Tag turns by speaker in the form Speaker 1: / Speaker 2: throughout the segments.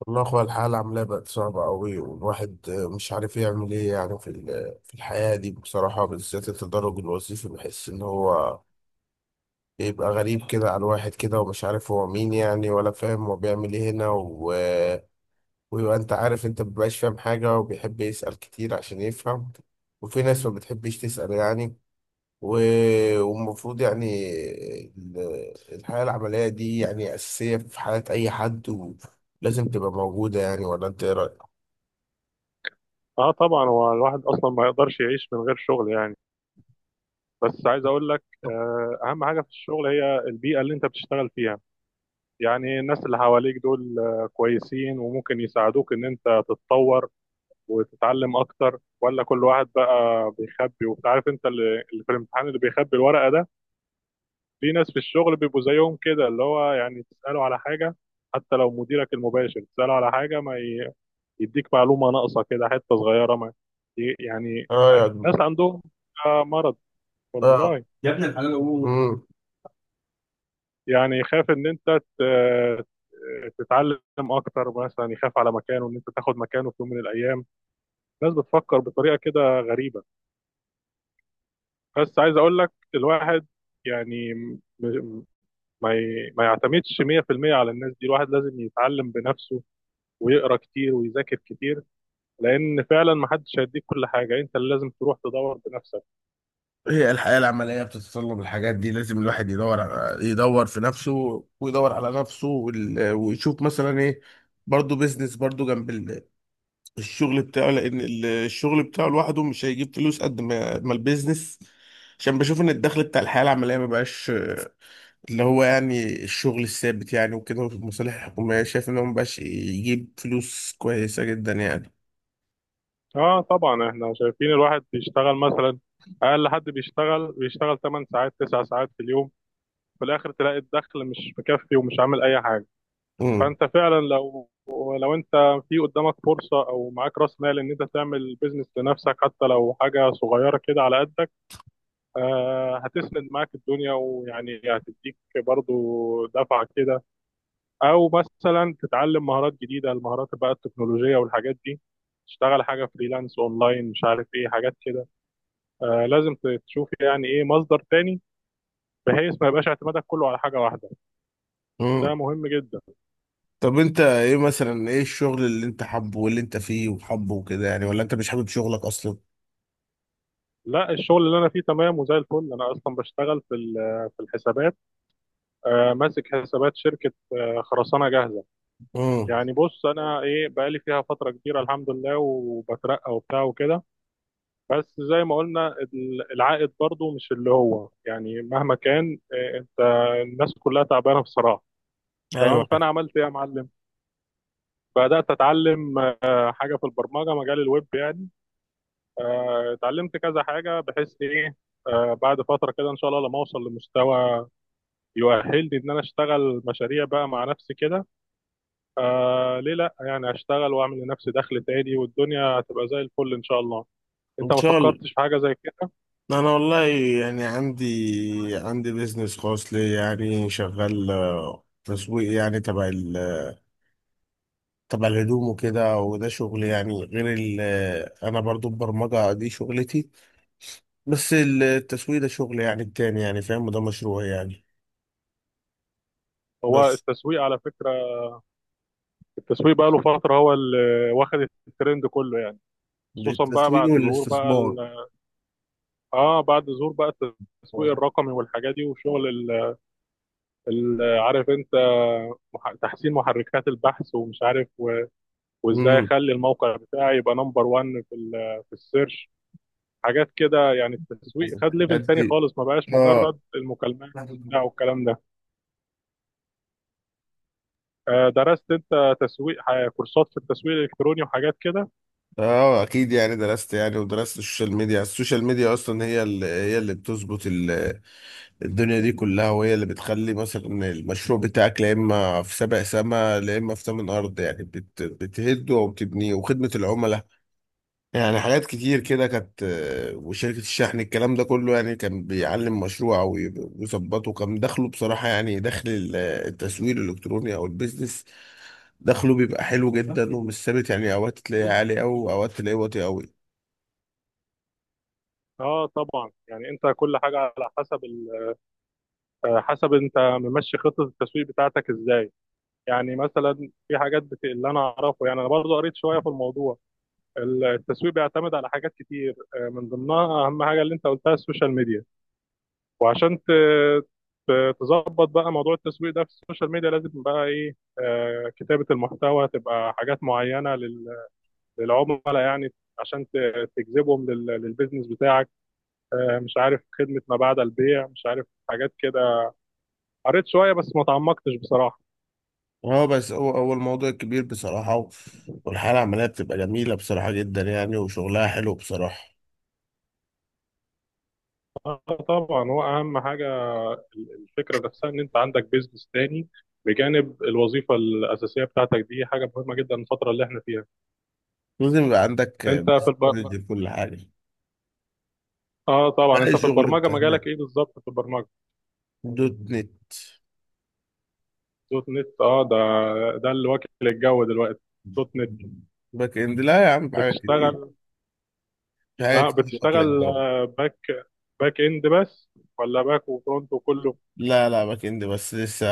Speaker 1: والله يا اخويا، الحالة عاملة بقت صعبة أوي. والواحد مش عارف يعمل إيه يعني في الحياة دي بصراحة. بالذات التدرج الوظيفي بحس إن هو بيبقى غريب كده على الواحد كده، ومش عارف هو مين يعني، ولا فاهم هو بيعمل إيه هنا ويبقى أنت عارف أنت مبيبقاش فاهم حاجة، وبيحب يسأل كتير عشان يفهم. وفي ناس ما بتحبش تسأل يعني. و... والمفروض يعني ال- الحياة العملية دي يعني أساسية في حياة أي حد لازم تبقى موجودة يعني. ولا انت ايه رأيك؟
Speaker 2: اه، طبعا هو الواحد اصلا ما يقدرش يعيش من غير شغل يعني. بس عايز اقول لك اهم حاجه في الشغل هي البيئه اللي انت بتشتغل فيها. يعني الناس اللي حواليك دول كويسين وممكن يساعدوك ان انت تتطور وتتعلم اكتر، ولا كل واحد بقى بيخبي، وانت عارف انت اللي في الامتحان اللي بيخبي الورقه ده. في ناس في الشغل بيبقوا زيهم كده، اللي هو يعني تساله على حاجه، حتى لو مديرك المباشر تساله على حاجه ما يديك معلومة ناقصة كده حتة صغيرة ما يعني،
Speaker 1: اه، يعني.
Speaker 2: ناس عندهم مرض،
Speaker 1: اه،
Speaker 2: والله.
Speaker 1: يا ابن الحلال، قول مم.
Speaker 2: يعني يخاف ان انت تتعلم اكتر، مثلا يخاف على مكانه ان انت تاخد مكانه في يوم من الايام. الناس بتفكر بطريقة كده غريبة. بس عايز اقول لك الواحد يعني ما يعتمدش 100% على الناس دي، الواحد لازم يتعلم بنفسه ويقرا كتير ويذاكر كتير، لان فعلا ما حدش هيديك كل حاجة، انت اللي لازم تروح تدور بنفسك.
Speaker 1: هي الحياة العملية بتتطلب الحاجات دي. لازم الواحد يدور في نفسه، ويدور على نفسه، ويشوف مثلا ايه. برضه بيزنس برضه جنب الشغل بتاعه، لأن الشغل بتاعه لوحده مش هيجيب فلوس قد ما البيزنس. عشان بشوف ان الدخل بتاع الحياة العملية ما بقاش اللي هو يعني الشغل الثابت يعني، وكده في المصالح الحكومية، شايف ان هو ما بقاش يجيب فلوس كويسة جدا يعني.
Speaker 2: اه، طبعا احنا شايفين الواحد بيشتغل مثلا، اقل حد بيشتغل 8 ساعات 9 ساعات في اليوم، في الاخر تلاقي الدخل مش مكفي ومش عامل اي حاجه.
Speaker 1: مم.
Speaker 2: فانت فعلا لو انت في قدامك فرصه، او معاك راس مال، ان انت تعمل بيزنس لنفسك، حتى لو حاجه صغيره كده على قدك، هتسند معاك الدنيا ويعني هتديك برضو دفعه كده. او مثلا تتعلم مهارات جديده، المهارات بقى التكنولوجيه والحاجات دي، تشتغل حاجه فريلانس اونلاين، مش عارف ايه حاجات كده. لازم تشوف يعني ايه مصدر تاني، بحيث ما يبقاش اعتمادك كله على حاجه واحده. ده
Speaker 1: مم.
Speaker 2: مهم جدا.
Speaker 1: طب انت ايه، مثلا ايه الشغل اللي انت حابه، واللي انت فيه وحابه وكده يعني، ولا انت مش حابب شغلك اصلا؟
Speaker 2: لا، الشغل اللي انا فيه تمام وزي الفل، انا اصلا بشتغل في في الحسابات، ماسك حسابات شركه خرسانه جاهزه.
Speaker 1: امم.
Speaker 2: يعني بص انا ايه، بقالي فيها فتره كبيره الحمد لله، وبترقى وبتاع وكده. بس زي ما قلنا العائد برضو مش اللي هو يعني، مهما كان انت، الناس كلها تعبانه بصراحه.
Speaker 1: ايوه،
Speaker 2: تمام
Speaker 1: ايوه.
Speaker 2: فانا عملت ايه يا معلم، بدات اتعلم حاجه في البرمجه، مجال الويب يعني. اتعلمت كذا حاجة بحيث إيه، بعد فترة كده إن شاء الله لما أوصل لمستوى يؤهلني إن أنا أشتغل مشاريع بقى مع نفسي كده، ليه لأ يعني، أشتغل وأعمل لنفسي دخل تاني والدنيا هتبقى زي الفل إن شاء الله.
Speaker 1: ان
Speaker 2: أنت ما
Speaker 1: شاء الله.
Speaker 2: فكرتش في حاجة زي كده؟
Speaker 1: انا والله يعني عندي بيزنس خاص لي يعني شغال، تسويق يعني، تبع تبع الهدوم وكده. وده شغل يعني غير ال آه، انا برضو البرمجة دي شغلتي. بس التسويق ده شغل يعني التاني، يعني فاهم، وده مشروع يعني.
Speaker 2: هو
Speaker 1: بس
Speaker 2: التسويق على فكرة، التسويق بقى له فترة هو اللي واخد الترند كله يعني، خصوصا بقى
Speaker 1: التسويق والاستثمار.
Speaker 2: بعد ظهور بقى التسويق الرقمي والحاجات دي، وشغل عارف أنت تحسين محركات البحث ومش عارف، وازاي
Speaker 1: امم.
Speaker 2: اخلي الموقع بتاعي يبقى نمبر 1 في السيرش، حاجات كده يعني. التسويق خد
Speaker 1: الحاجات
Speaker 2: ليفل تاني
Speaker 1: دي.
Speaker 2: خالص، ما بقاش
Speaker 1: اه،
Speaker 2: مجرد المكالمات وبتاع والكلام ده. درست انت تسويق، كورسات في التسويق الالكتروني وحاجات كده؟
Speaker 1: اه، اكيد يعني درست يعني، ودرست السوشيال ميديا. السوشيال ميديا اصلا هي اللي بتظبط الدنيا دي كلها، وهي اللي بتخلي مثلا المشروع بتاعك لا اما في سبع سما لا اما في ثمن ارض. يعني بتهده وبتبنيه، وخدمة العملاء، يعني حاجات كتير كده كانت، وشركة الشحن، الكلام ده كله يعني كان بيعلم مشروع ويظبطه. كان دخله بصراحة، يعني دخل التسويق الالكتروني او البيزنس، دخله بيبقى حلو جدا ومش ثابت. يعني اوقات تلاقيه عالي قوي، اوقات تلاقيه واطي قوي.
Speaker 2: اه، طبعا يعني انت كل حاجه على حسب ال... آه، حسب انت ممشي خطه التسويق بتاعتك ازاي. يعني مثلا في حاجات اللي انا اعرفه يعني، انا برضو قريت شويه في الموضوع. التسويق بيعتمد على حاجات كتير، من ضمنها اهم حاجه اللي انت قلتها السوشيال ميديا. وعشان تظبط بقى موضوع التسويق ده في السوشيال ميديا لازم بقى ايه، كتابة المحتوى، تبقى حاجات معينة للعملاء يعني، عشان تجذبهم للبيزنس بتاعك، مش عارف خدمة ما بعد البيع، مش عارف حاجات كده. قريت شوية بس ما تعمقتش بصراحة.
Speaker 1: اه، بس هو الموضوع كبير بصراحة، والحالة العملية بتبقى جميلة بصراحة جدا يعني، وشغلها حلو بصراحة.
Speaker 2: آه، طبعا هو أهم حاجة، الفكرة نفسها إن أنت عندك بيزنس تاني بجانب الوظيفة الأساسية بتاعتك دي، حاجة مهمة جدا الفترة اللي احنا فيها.
Speaker 1: لازم يبقى عندك
Speaker 2: أنت في الب...
Speaker 1: بيزنس، كل حاجة.
Speaker 2: اه،
Speaker 1: ده
Speaker 2: طبعا
Speaker 1: أي
Speaker 2: انت في
Speaker 1: شغل
Speaker 2: البرمجه
Speaker 1: بتاع
Speaker 2: مجالك
Speaker 1: هناك.
Speaker 2: ايه بالظبط، في البرمجه؟
Speaker 1: دوت نت.
Speaker 2: دوت نت، ده اللي واكل الجو دلوقتي، دوت نت.
Speaker 1: باك اند، لا يا عم، في حاجات كتير،
Speaker 2: بتشتغل
Speaker 1: في
Speaker 2: اه
Speaker 1: حاجات كتير واكلة
Speaker 2: بتشتغل
Speaker 1: الجو.
Speaker 2: باك اند بس، ولا باك وفرونت وكله؟
Speaker 1: لا، لا، باك اند بس لسه.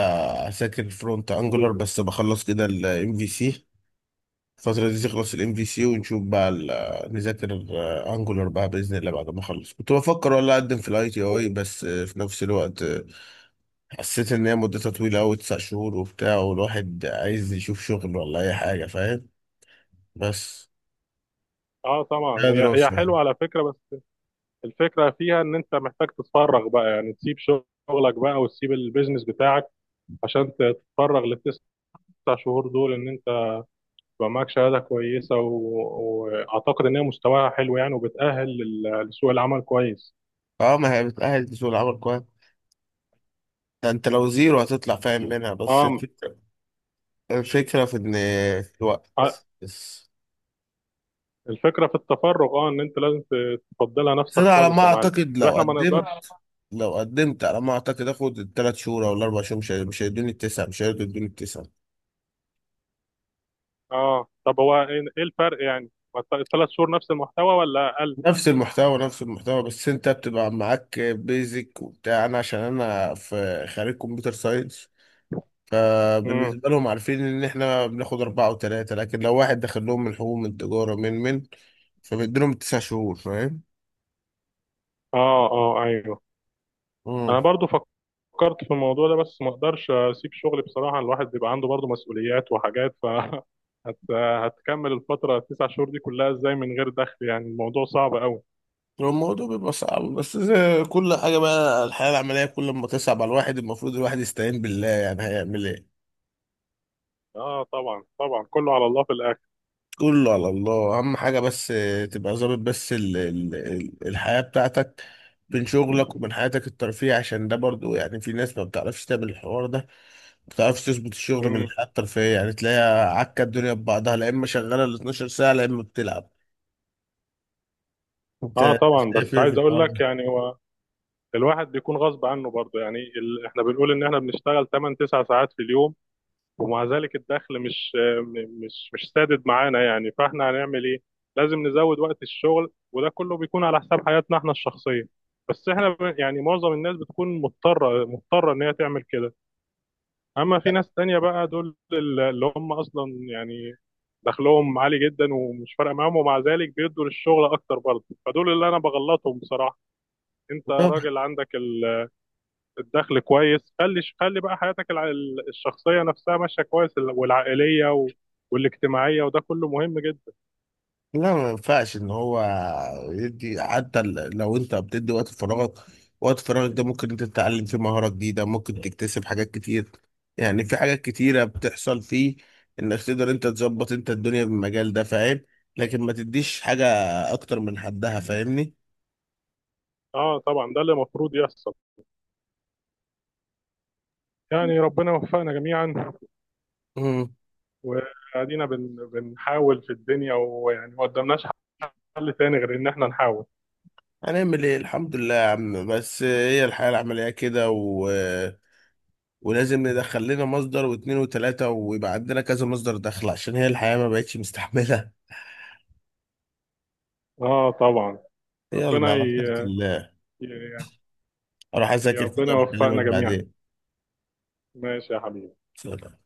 Speaker 1: ساكن فرونت انجولار، بس بخلص كده الام في سي. الفترة دي تخلص الام في سي، ونشوف بقى نذاكر انجولار بقى باذن الله. بعد ما اخلص كنت بفكر والله اقدم في الاي تي اي. بس في نفس الوقت، حسيت ان هي مدتها طويلة قوي، 9 شهور وبتاع، والواحد عايز يشوف شغل ولا اي حاجة، فاهم. بس
Speaker 2: اه، طبعا
Speaker 1: هي
Speaker 2: هي
Speaker 1: دراسة يعني.
Speaker 2: حلوه على فكره، بس الفكره فيها ان انت محتاج تتفرغ بقى، يعني تسيب شغلك بقى وتسيب البيزنس بتاعك عشان تتفرغ للتسع شهور دول، ان انت يبقى معاك شهاده كويسه واعتقد ان هي مستواها حلو يعني، وبتاهل لسوق العمل كويس.
Speaker 1: اه، ما هي بتأهل لسوق العمل كويس. ده انت لو زيرو هتطلع فاهم منها. بس
Speaker 2: اه،
Speaker 1: الفكرة، الفكرة في ان، في
Speaker 2: ع-
Speaker 1: الوقت بس.
Speaker 2: الفكرة في التفرغ، ان انت لازم تفضلها
Speaker 1: بس
Speaker 2: نفسك
Speaker 1: انا على ما
Speaker 2: خالص يا معلم،
Speaker 1: اعتقد لو
Speaker 2: واحنا ما نقدرش
Speaker 1: قدمت
Speaker 2: اه
Speaker 1: لو قدمت على ما اعتقد اخد ال3 شهور او ال4 شهور. مش هيدوني التسعه، مش هيرضوا يدوني التسعه.
Speaker 2: اه، طب هو ايه الفرق يعني، الثلاث شهور نفس المحتوى ولا اقل؟
Speaker 1: نفس المحتوى، نفس المحتوى، بس انت بتبقى معاك بيزك وبتاع. انا عشان انا في خريج كمبيوتر ساينس،
Speaker 2: امم،
Speaker 1: فبالنسبه لهم عارفين ان احنا بناخد اربعه وثلاثه. لكن لو واحد داخل لهم من حقوق، من تجاره، من فبيديلهم ال9 شهور، فاهم.
Speaker 2: اه، اه، ايوه. انا برضو فكرت في الموضوع ده، بس ما اقدرش اسيب شغلي بصراحة، الواحد بيبقى عنده برضو مسؤوليات وحاجات، ف هتكمل الفترة التسع شهور دي كلها ازاي من غير دخل يعني؟ الموضوع صعب قوي.
Speaker 1: هو الموضوع بيبقى صعب، بس زي كل حاجة بقى، الحياة العملية كل ما تصعب على الواحد، المفروض الواحد يستعين بالله. يعني هيعمل ايه،
Speaker 2: اه، طبعا طبعا، كله على الله في الاخر.
Speaker 1: كله على الله. أهم حاجة بس تبقى ظابط بس ال الحياة بتاعتك بين شغلك وبين حياتك الترفيه. عشان ده برضو يعني، في ناس ما بتعرفش تعمل الحوار ده، ما بتعرفش تظبط الشغل من
Speaker 2: امم.
Speaker 1: الحياة الترفيهية. يعني تلاقيها عكة، الدنيا ببعضها، لا إما شغالة ال 12 ساعة، لا إما بتلعب.
Speaker 2: اه،
Speaker 1: أنت
Speaker 2: طبعا
Speaker 1: شايف
Speaker 2: بس
Speaker 1: إيه في
Speaker 2: عايز اقول
Speaker 1: الحوار
Speaker 2: لك يعني الواحد بيكون غصب عنه برضه، يعني احنا بنقول ان احنا بنشتغل 8 9 ساعات في اليوم، ومع ذلك الدخل مش م- مش مش سادد معانا يعني. فاحنا هنعمل ايه؟ لازم نزود وقت الشغل، وده كله بيكون على حساب حياتنا احنا الشخصية. بس احنا يعني معظم الناس بتكون مضطرة مضطرة ان هي تعمل كده. اما في ناس تانية بقى، دول اللي هم اصلا يعني دخلهم عالي جدا ومش فارقة معاهم، ومع ذلك بيدوا للشغل اكتر برضه، فدول اللي انا بغلطهم بصراحة. انت
Speaker 1: ده؟
Speaker 2: راجل عندك الدخل كويس، خلي خلي بقى حياتك الشخصية نفسها ماشية كويس، والعائلية والاجتماعية، وده كله مهم جدا.
Speaker 1: لا، ما ينفعش ان هو يدي، حتى لو انت بتدي وقت فراغك، وقت فراغك ده ممكن انت تتعلم فيه مهارة جديدة، ممكن تكتسب حاجات كتير. يعني في حاجات كتيرة بتحصل فيه، انك تقدر انت تظبط انت الدنيا بالمجال ده، فاهم. لكن ما تديش حاجة اكتر من حدها، فاهمني.
Speaker 2: اه، طبعا ده اللي المفروض يحصل، يعني ربنا يوفقنا جميعا.
Speaker 1: امم.
Speaker 2: وادينا بنحاول في الدنيا، ويعني ما قدامناش حل تاني غير ان احنا نحاول.
Speaker 1: هنعمل ايه، الحمد لله يا عم. بس هي الحياة العملية كده، ولازم ندخل لنا مصدر واتنين وتلاتة، ويبقى عندنا كذا مصدر دخل، عشان هي الحياة ما بقتش مستحملة.
Speaker 2: اه، طبعا
Speaker 1: يلا
Speaker 2: ربنا
Speaker 1: على خيرة الله،
Speaker 2: ي...
Speaker 1: اروح
Speaker 2: يا
Speaker 1: اذاكر كده،
Speaker 2: ربنا
Speaker 1: وبكلمك
Speaker 2: يوفقنا جميعا،
Speaker 1: بعدين.
Speaker 2: ماشي يا حبيبي.
Speaker 1: سلام.